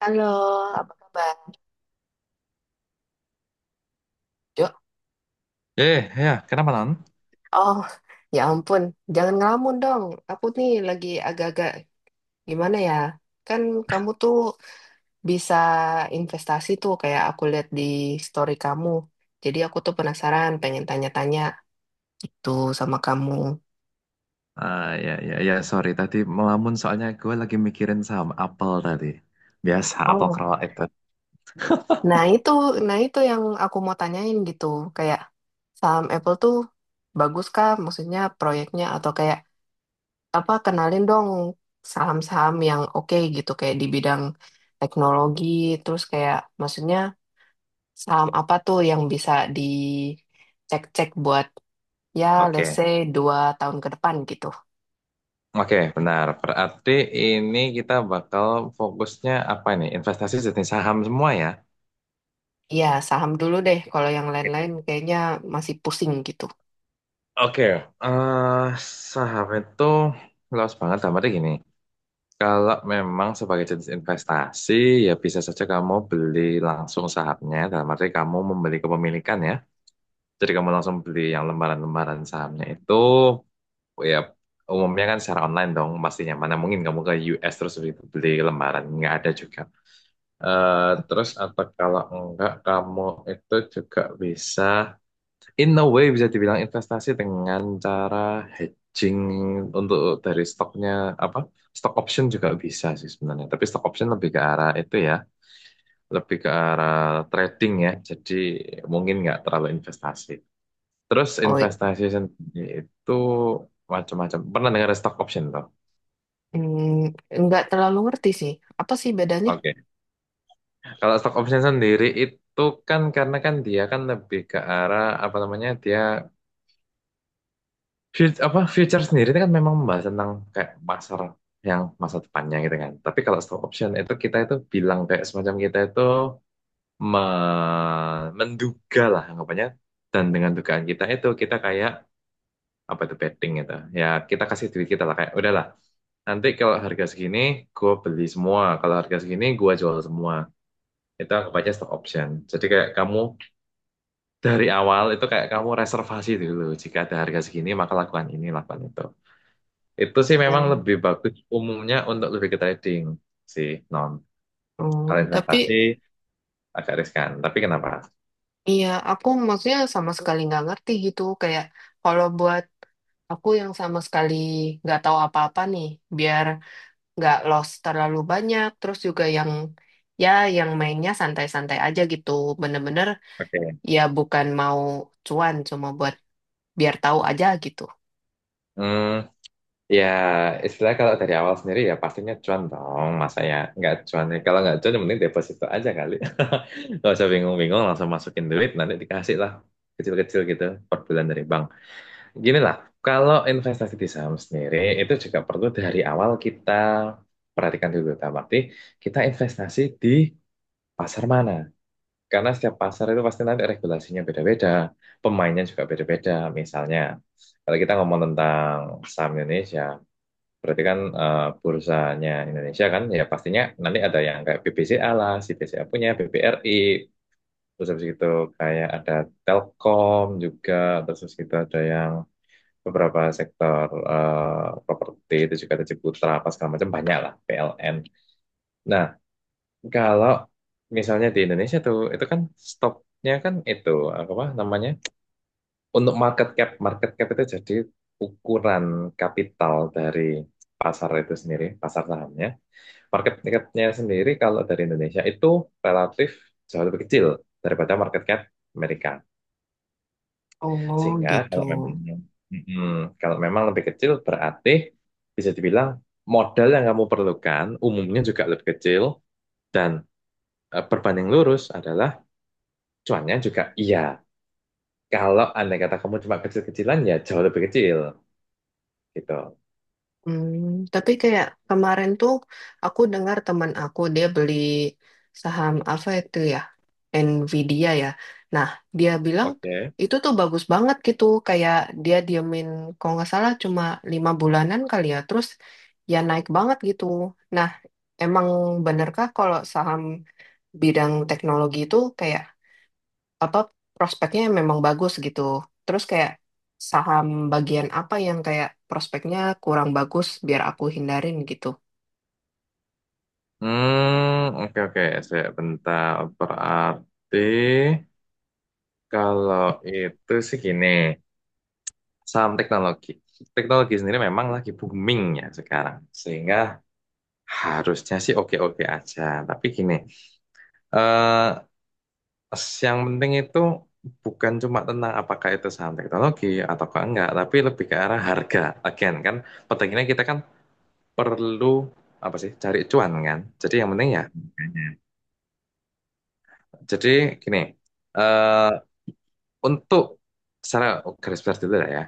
Halo, apa kabar? Jo, Eh, ya, kenapa non? oh, ya ampun, jangan ngelamun dong. Aku nih lagi agak-agak, gimana ya? Kan kamu tuh bisa investasi tuh, kayak aku lihat di story kamu. Jadi aku tuh penasaran, pengen tanya-tanya gitu sama kamu. Ya, ya, ya, sorry tadi melamun soalnya gue lagi mikirin saham Apple tadi. Biasa Apple Oh, Crow itu. nah itu, nah itu yang aku mau tanyain gitu. Kayak saham Apple tuh bagus kah? Maksudnya proyeknya atau kayak apa, kenalin dong saham-saham yang oke gitu, kayak di bidang teknologi, terus kayak maksudnya saham apa tuh yang bisa dicek-cek buat, ya, let's Oke, say 2 tahun ke depan gitu. Oke, benar. Berarti ini kita bakal fokusnya apa nih? Investasi jenis saham semua ya? Iya, saham dulu deh, kalau yang Oke. lain-lain kayaknya masih pusing gitu. eh, Saham itu luas banget. Tapi gini, kalau memang sebagai jenis investasi, ya bisa saja kamu beli langsung sahamnya. Dalam arti kamu membeli kepemilikan ya. Jadi kamu langsung beli yang lembaran-lembaran sahamnya itu, ya umumnya kan secara online dong, pastinya. Mana mungkin kamu ke US terus beli, lembaran, nggak ada juga. Terus atau kalau enggak, kamu itu juga bisa, in a way bisa dibilang investasi dengan cara hedging untuk dari stoknya, apa, stock option juga bisa sih sebenarnya. Tapi stock option lebih ke arah itu ya, lebih ke arah trading ya, jadi mungkin nggak terlalu investasi. Terus Oh, investasi sendiri itu macam-macam. Pernah dengar stock option toh? Nggak terlalu ngerti sih. Apa sih bedanya? Oke. Kalau stock option sendiri itu kan, karena kan dia kan lebih ke arah apa namanya, dia apa, future sendiri itu kan memang membahas tentang kayak pasar yang masa depannya gitu kan. Tapi kalau stock option itu, kita itu bilang kayak semacam kita itu menduga lah anggapannya, dan dengan dugaan kita itu kita kayak apa itu betting gitu, ya kita kasih duit kita lah kayak udahlah. Nanti kalau harga segini gue beli semua, kalau harga segini gue jual semua, itu anggap aja stock option, jadi kayak kamu dari awal itu kayak kamu reservasi dulu jika ada harga segini maka lakukan ini lakukan itu. Itu sih memang Hmm, lebih bagus umumnya untuk lebih ke trading sih non, kalau hmm. Tapi, investasi agak riskan tapi kenapa. iya, aku maksudnya sama sekali nggak ngerti gitu. Kayak kalau buat aku yang sama sekali nggak tahu apa-apa nih, biar nggak lost terlalu banyak. Terus juga yang, ya, yang mainnya santai-santai aja gitu. Bener-bener, Oke. ya, bukan mau cuan, cuma buat biar tahu aja gitu. Hmm, ya, istilah kalau dari awal sendiri ya pastinya cuan dong. Masa ya nggak cuan. Kalau nggak cuan, yang penting deposito aja kali. Nggak usah bingung-bingung, langsung masukin duit, nanti dikasih lah. Kecil-kecil gitu per bulan dari bank. Gini lah, kalau investasi di saham sendiri, itu juga perlu dari awal kita perhatikan dulu. Dalam arti, kita investasi di pasar mana. Karena setiap pasar itu pasti nanti regulasinya beda-beda. Pemainnya juga beda-beda, misalnya. Kalau kita ngomong tentang saham Indonesia, berarti kan, bursanya Indonesia kan, ya pastinya nanti ada yang kayak BBCA lah, si BCA punya, BBRI, terus habis itu kayak ada Telkom juga, terus habis itu ada yang beberapa sektor, properti itu juga ada Ciputra apa segala macam banyak lah, PLN. Nah, kalau misalnya di Indonesia tuh, itu kan stoknya kan itu apa namanya? Untuk market cap itu jadi ukuran kapital dari pasar itu sendiri, pasar sahamnya. Market cap-nya sendiri kalau dari Indonesia itu relatif jauh lebih kecil daripada market cap Amerika. Oh Sehingga gitu. kalau memang kalau memang lebih kecil, berarti bisa dibilang modal yang kamu perlukan umumnya juga lebih kecil, dan berbanding lurus adalah cuannya juga iya. Kalau andai kata kamu cuma kecil-kecilan, ya jauh lebih kecil gitu. Hmm, tapi kayak kemarin tuh aku dengar teman aku dia beli saham apa itu ya? Nvidia ya. Nah, dia bilang Oke. itu tuh bagus banget gitu. Kayak dia diemin kalau nggak salah cuma 5 bulanan kali ya. Terus ya naik banget gitu. Nah, emang benerkah kalau saham bidang teknologi itu kayak apa prospeknya memang bagus gitu. Terus kayak saham bagian apa yang kayak prospeknya kurang bagus biar aku hindarin gitu. Hmm, oke, oke, sebentar. Berarti kalau itu sih gini, saham teknologi. Teknologi sendiri memang lagi booming ya sekarang. Sehingga harusnya sih oke-oke aja. Tapi gini, eh, yang penting itu bukan cuma tentang apakah itu saham teknologi atau enggak, tapi lebih ke arah harga. Again kan, pentingnya kita kan perlu apa sih cari cuan kan. Jadi yang penting ya harganya. Jadi gini, eh, untuk secara garis besar dulu lah ya.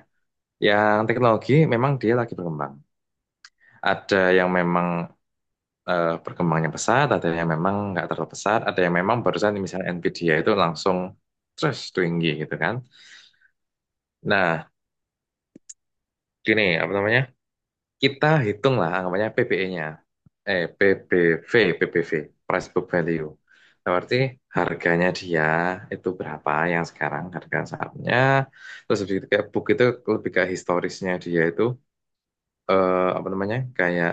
Yang teknologi memang dia lagi berkembang. Ada yang memang berkembangnya pesat, ada yang memang nggak terlalu pesat, ada yang memang barusan misalnya Nvidia itu langsung terus tinggi gitu kan. Nah, gini, apa namanya? Kita hitung hitunglah anggapannya PBE-nya, eh, PBV, PBV, Price Book Value. Nah, berarti harganya dia itu berapa yang sekarang harga sahamnya. Terus lebih kayak book itu lebih ke historisnya dia itu, apa namanya? Kayak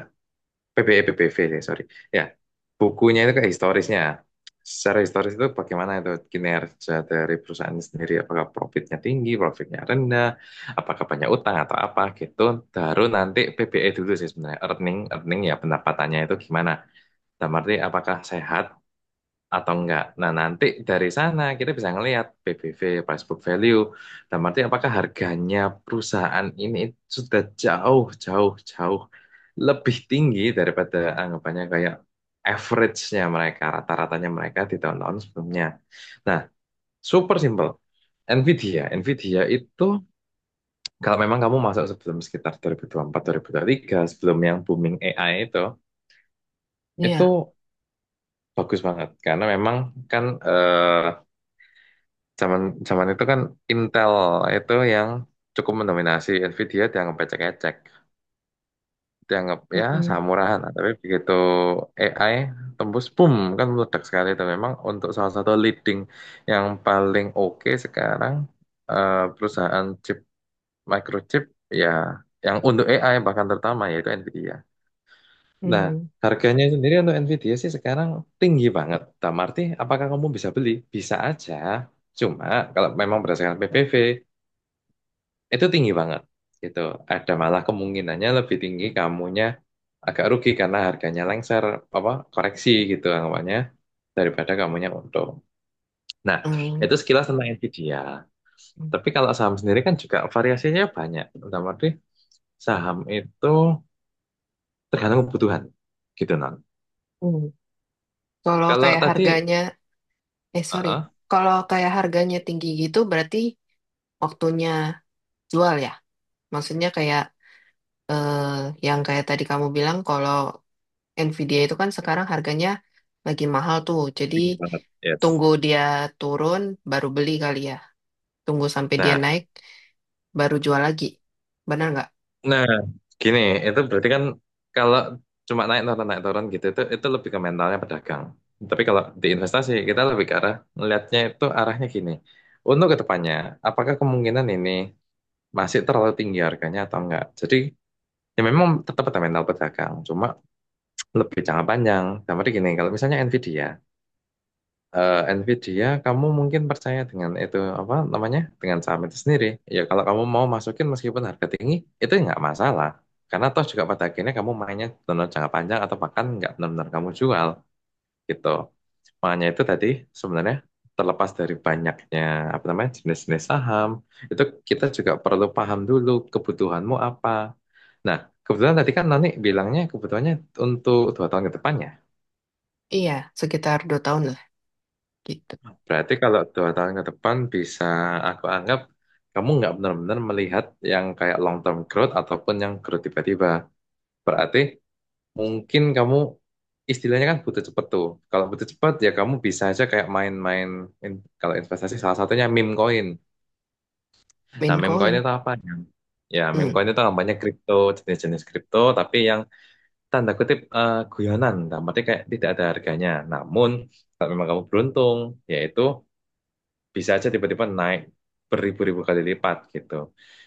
PBE, PBV, ya, sorry. Ya, bukunya itu kayak historisnya. Secara historis itu bagaimana itu kinerja dari perusahaan ini sendiri, apakah profitnya tinggi, profitnya rendah, apakah banyak utang atau apa gitu. Baru nanti PBE dulu sih sebenarnya, earning ya pendapatannya itu gimana. Dalam arti apakah sehat atau enggak. Nah, nanti dari sana kita bisa ngelihat PBV, price book value. Dan arti apakah harganya perusahaan ini sudah jauh, jauh, jauh lebih tinggi daripada anggapannya kayak average-nya mereka, rata-ratanya mereka di tahun-tahun sebelumnya. Nah, super simple. Nvidia itu kalau memang kamu masuk sebelum sekitar 2024-2023, sebelum yang booming AI itu Iya. bagus banget karena memang kan, Zaman zaman itu kan Intel itu yang cukup mendominasi. Nvidia dianggap ecek-ecek, dianggap ya Mm-mm. samurahan. Nah, tapi begitu AI tembus, boom, kan meledak sekali. Dan memang untuk salah satu leading yang paling oke sekarang, perusahaan chip, microchip, ya, yang untuk AI bahkan terutama yaitu Nvidia. Nah, Mm-mm. harganya sendiri untuk Nvidia sih sekarang tinggi banget. Dalam arti, apakah kamu bisa beli? Bisa aja. Cuma kalau memang berdasarkan PPV itu tinggi banget gitu, ada malah kemungkinannya lebih tinggi kamunya agak rugi karena harganya lengser apa koreksi gitu anggapannya, daripada kamunya untung. Nah, Mm-mm. itu sekilas tentang Nvidia. Tapi kalau saham sendiri kan juga variasinya banyak, dalam arti saham itu tergantung kebutuhan gitu non. Mm. Kalau Kalau kayak tadi harganya, eh sorry, uh kalau kayak harganya tinggi gitu berarti waktunya jual ya. Maksudnya kayak, eh, yang kayak tadi kamu bilang kalau Nvidia itu kan sekarang harganya lagi mahal tuh. Jadi tinggi banget, yes. tunggu dia turun baru beli kali ya. Tunggu sampai dia Nah. naik baru jual lagi, benar nggak? Nah, gini, itu berarti kan kalau cuma naik turun gitu, itu lebih ke mentalnya pedagang. Tapi kalau di investasi kita lebih ke arah melihatnya itu arahnya gini. Untuk ke depannya, apakah kemungkinan ini masih terlalu tinggi harganya atau enggak? Jadi ya memang tetap ada mental pedagang, cuma lebih jangka panjang. Tapi gini, kalau misalnya Nvidia, kamu mungkin percaya dengan itu apa namanya, dengan saham itu sendiri. Ya kalau kamu mau masukin meskipun harga tinggi, itu nggak masalah. Karena toh juga pada akhirnya kamu mainnya benar jangka panjang atau bahkan nggak benar-benar kamu jual gitu. Makanya itu tadi sebenarnya terlepas dari banyaknya apa namanya jenis-jenis saham itu, kita juga perlu paham dulu kebutuhanmu apa. Nah, kebetulan tadi kan Nani bilangnya kebutuhannya untuk 2 tahun ke depan ya. Iya, sekitar 2 tahun lah gitu. Berarti kalau 2 tahun ke depan bisa aku anggap kamu nggak benar-benar melihat yang kayak long term growth ataupun yang growth tiba-tiba. Berarti mungkin kamu istilahnya kan butuh cepet tuh. Kalau butuh cepet ya kamu bisa aja kayak main-main kalau investasi salah satunya meme coin. Nah, Main meme coin coin. itu apa? Yang-? Ya, meme Hmm. coin itu namanya kripto, jenis-jenis kripto tapi yang tanda kutip guyonan. Nah, berarti kayak tidak ada harganya. Namun kalau memang kamu beruntung, yaitu bisa aja tiba-tiba naik beribu-ribu kali lipat gitu.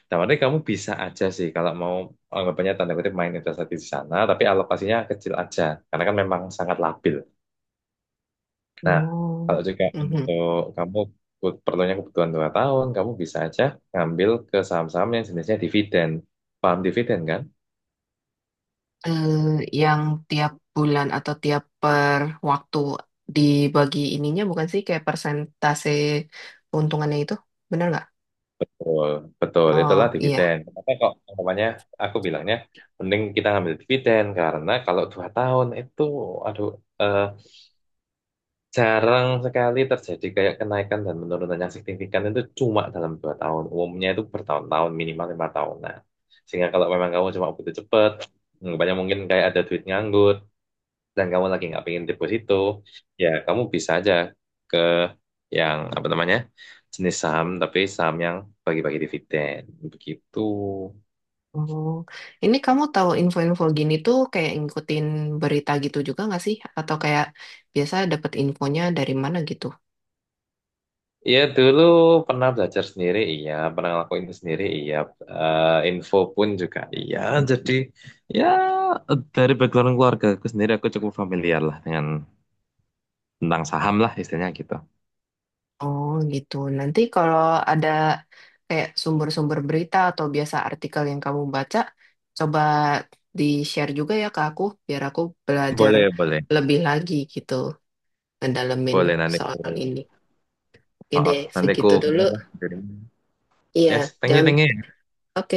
Nah, makanya kamu bisa aja sih kalau mau anggapannya tanda kutip main investasi di sana, tapi alokasinya kecil aja, karena kan memang sangat labil. Nah, kalau No. juga Mhm. untuk kamu perlunya kebutuhan 2 tahun, kamu bisa aja ngambil ke saham-saham yang jenisnya dividen. Paham dividen kan? Eh, yang tiap bulan atau tiap per waktu dibagi ininya bukan sih, kayak persentase keuntungannya itu, benar nggak? Betul, betul. Oh Itulah iya. dividen. Kenapa kok anggapannya aku bilangnya mending kita ngambil dividen, karena kalau 2 tahun itu, aduh, eh, jarang sekali terjadi kayak kenaikan dan penurunan yang signifikan itu cuma dalam 2 tahun. Umumnya itu bertahun-tahun, minimal 5 tahunan. Sehingga kalau memang kamu cuma butuh cepet, banyak mungkin kayak ada duit nganggur, dan kamu lagi nggak pengen deposito, ya kamu bisa aja ke yang apa namanya jenis saham, tapi saham yang bagi-bagi dividen. Begitu. Oh, ini kamu tahu info-info gini tuh kayak ngikutin berita gitu juga nggak sih, atau kayak biasa dapat infonya dari mana gitu? Iya, dulu pernah belajar sendiri, iya. Pernah ngelakuin itu sendiri, iya. Info pun juga, iya. Jadi ya dari background keluarga aku sendiri, aku cukup familiar lah dengan tentang saham lah istilahnya gitu. Oh gitu. Nanti kalau ada kayak sumber-sumber berita atau biasa artikel yang kamu baca, coba di-share juga ya ke aku, biar aku belajar Boleh, boleh. lebih lagi gitu, ngedalemin Boleh soal ini. Oke deh, nanti ku segitu dulu. apa? Iya, Yes, thank you, jangan. thank you. Oke.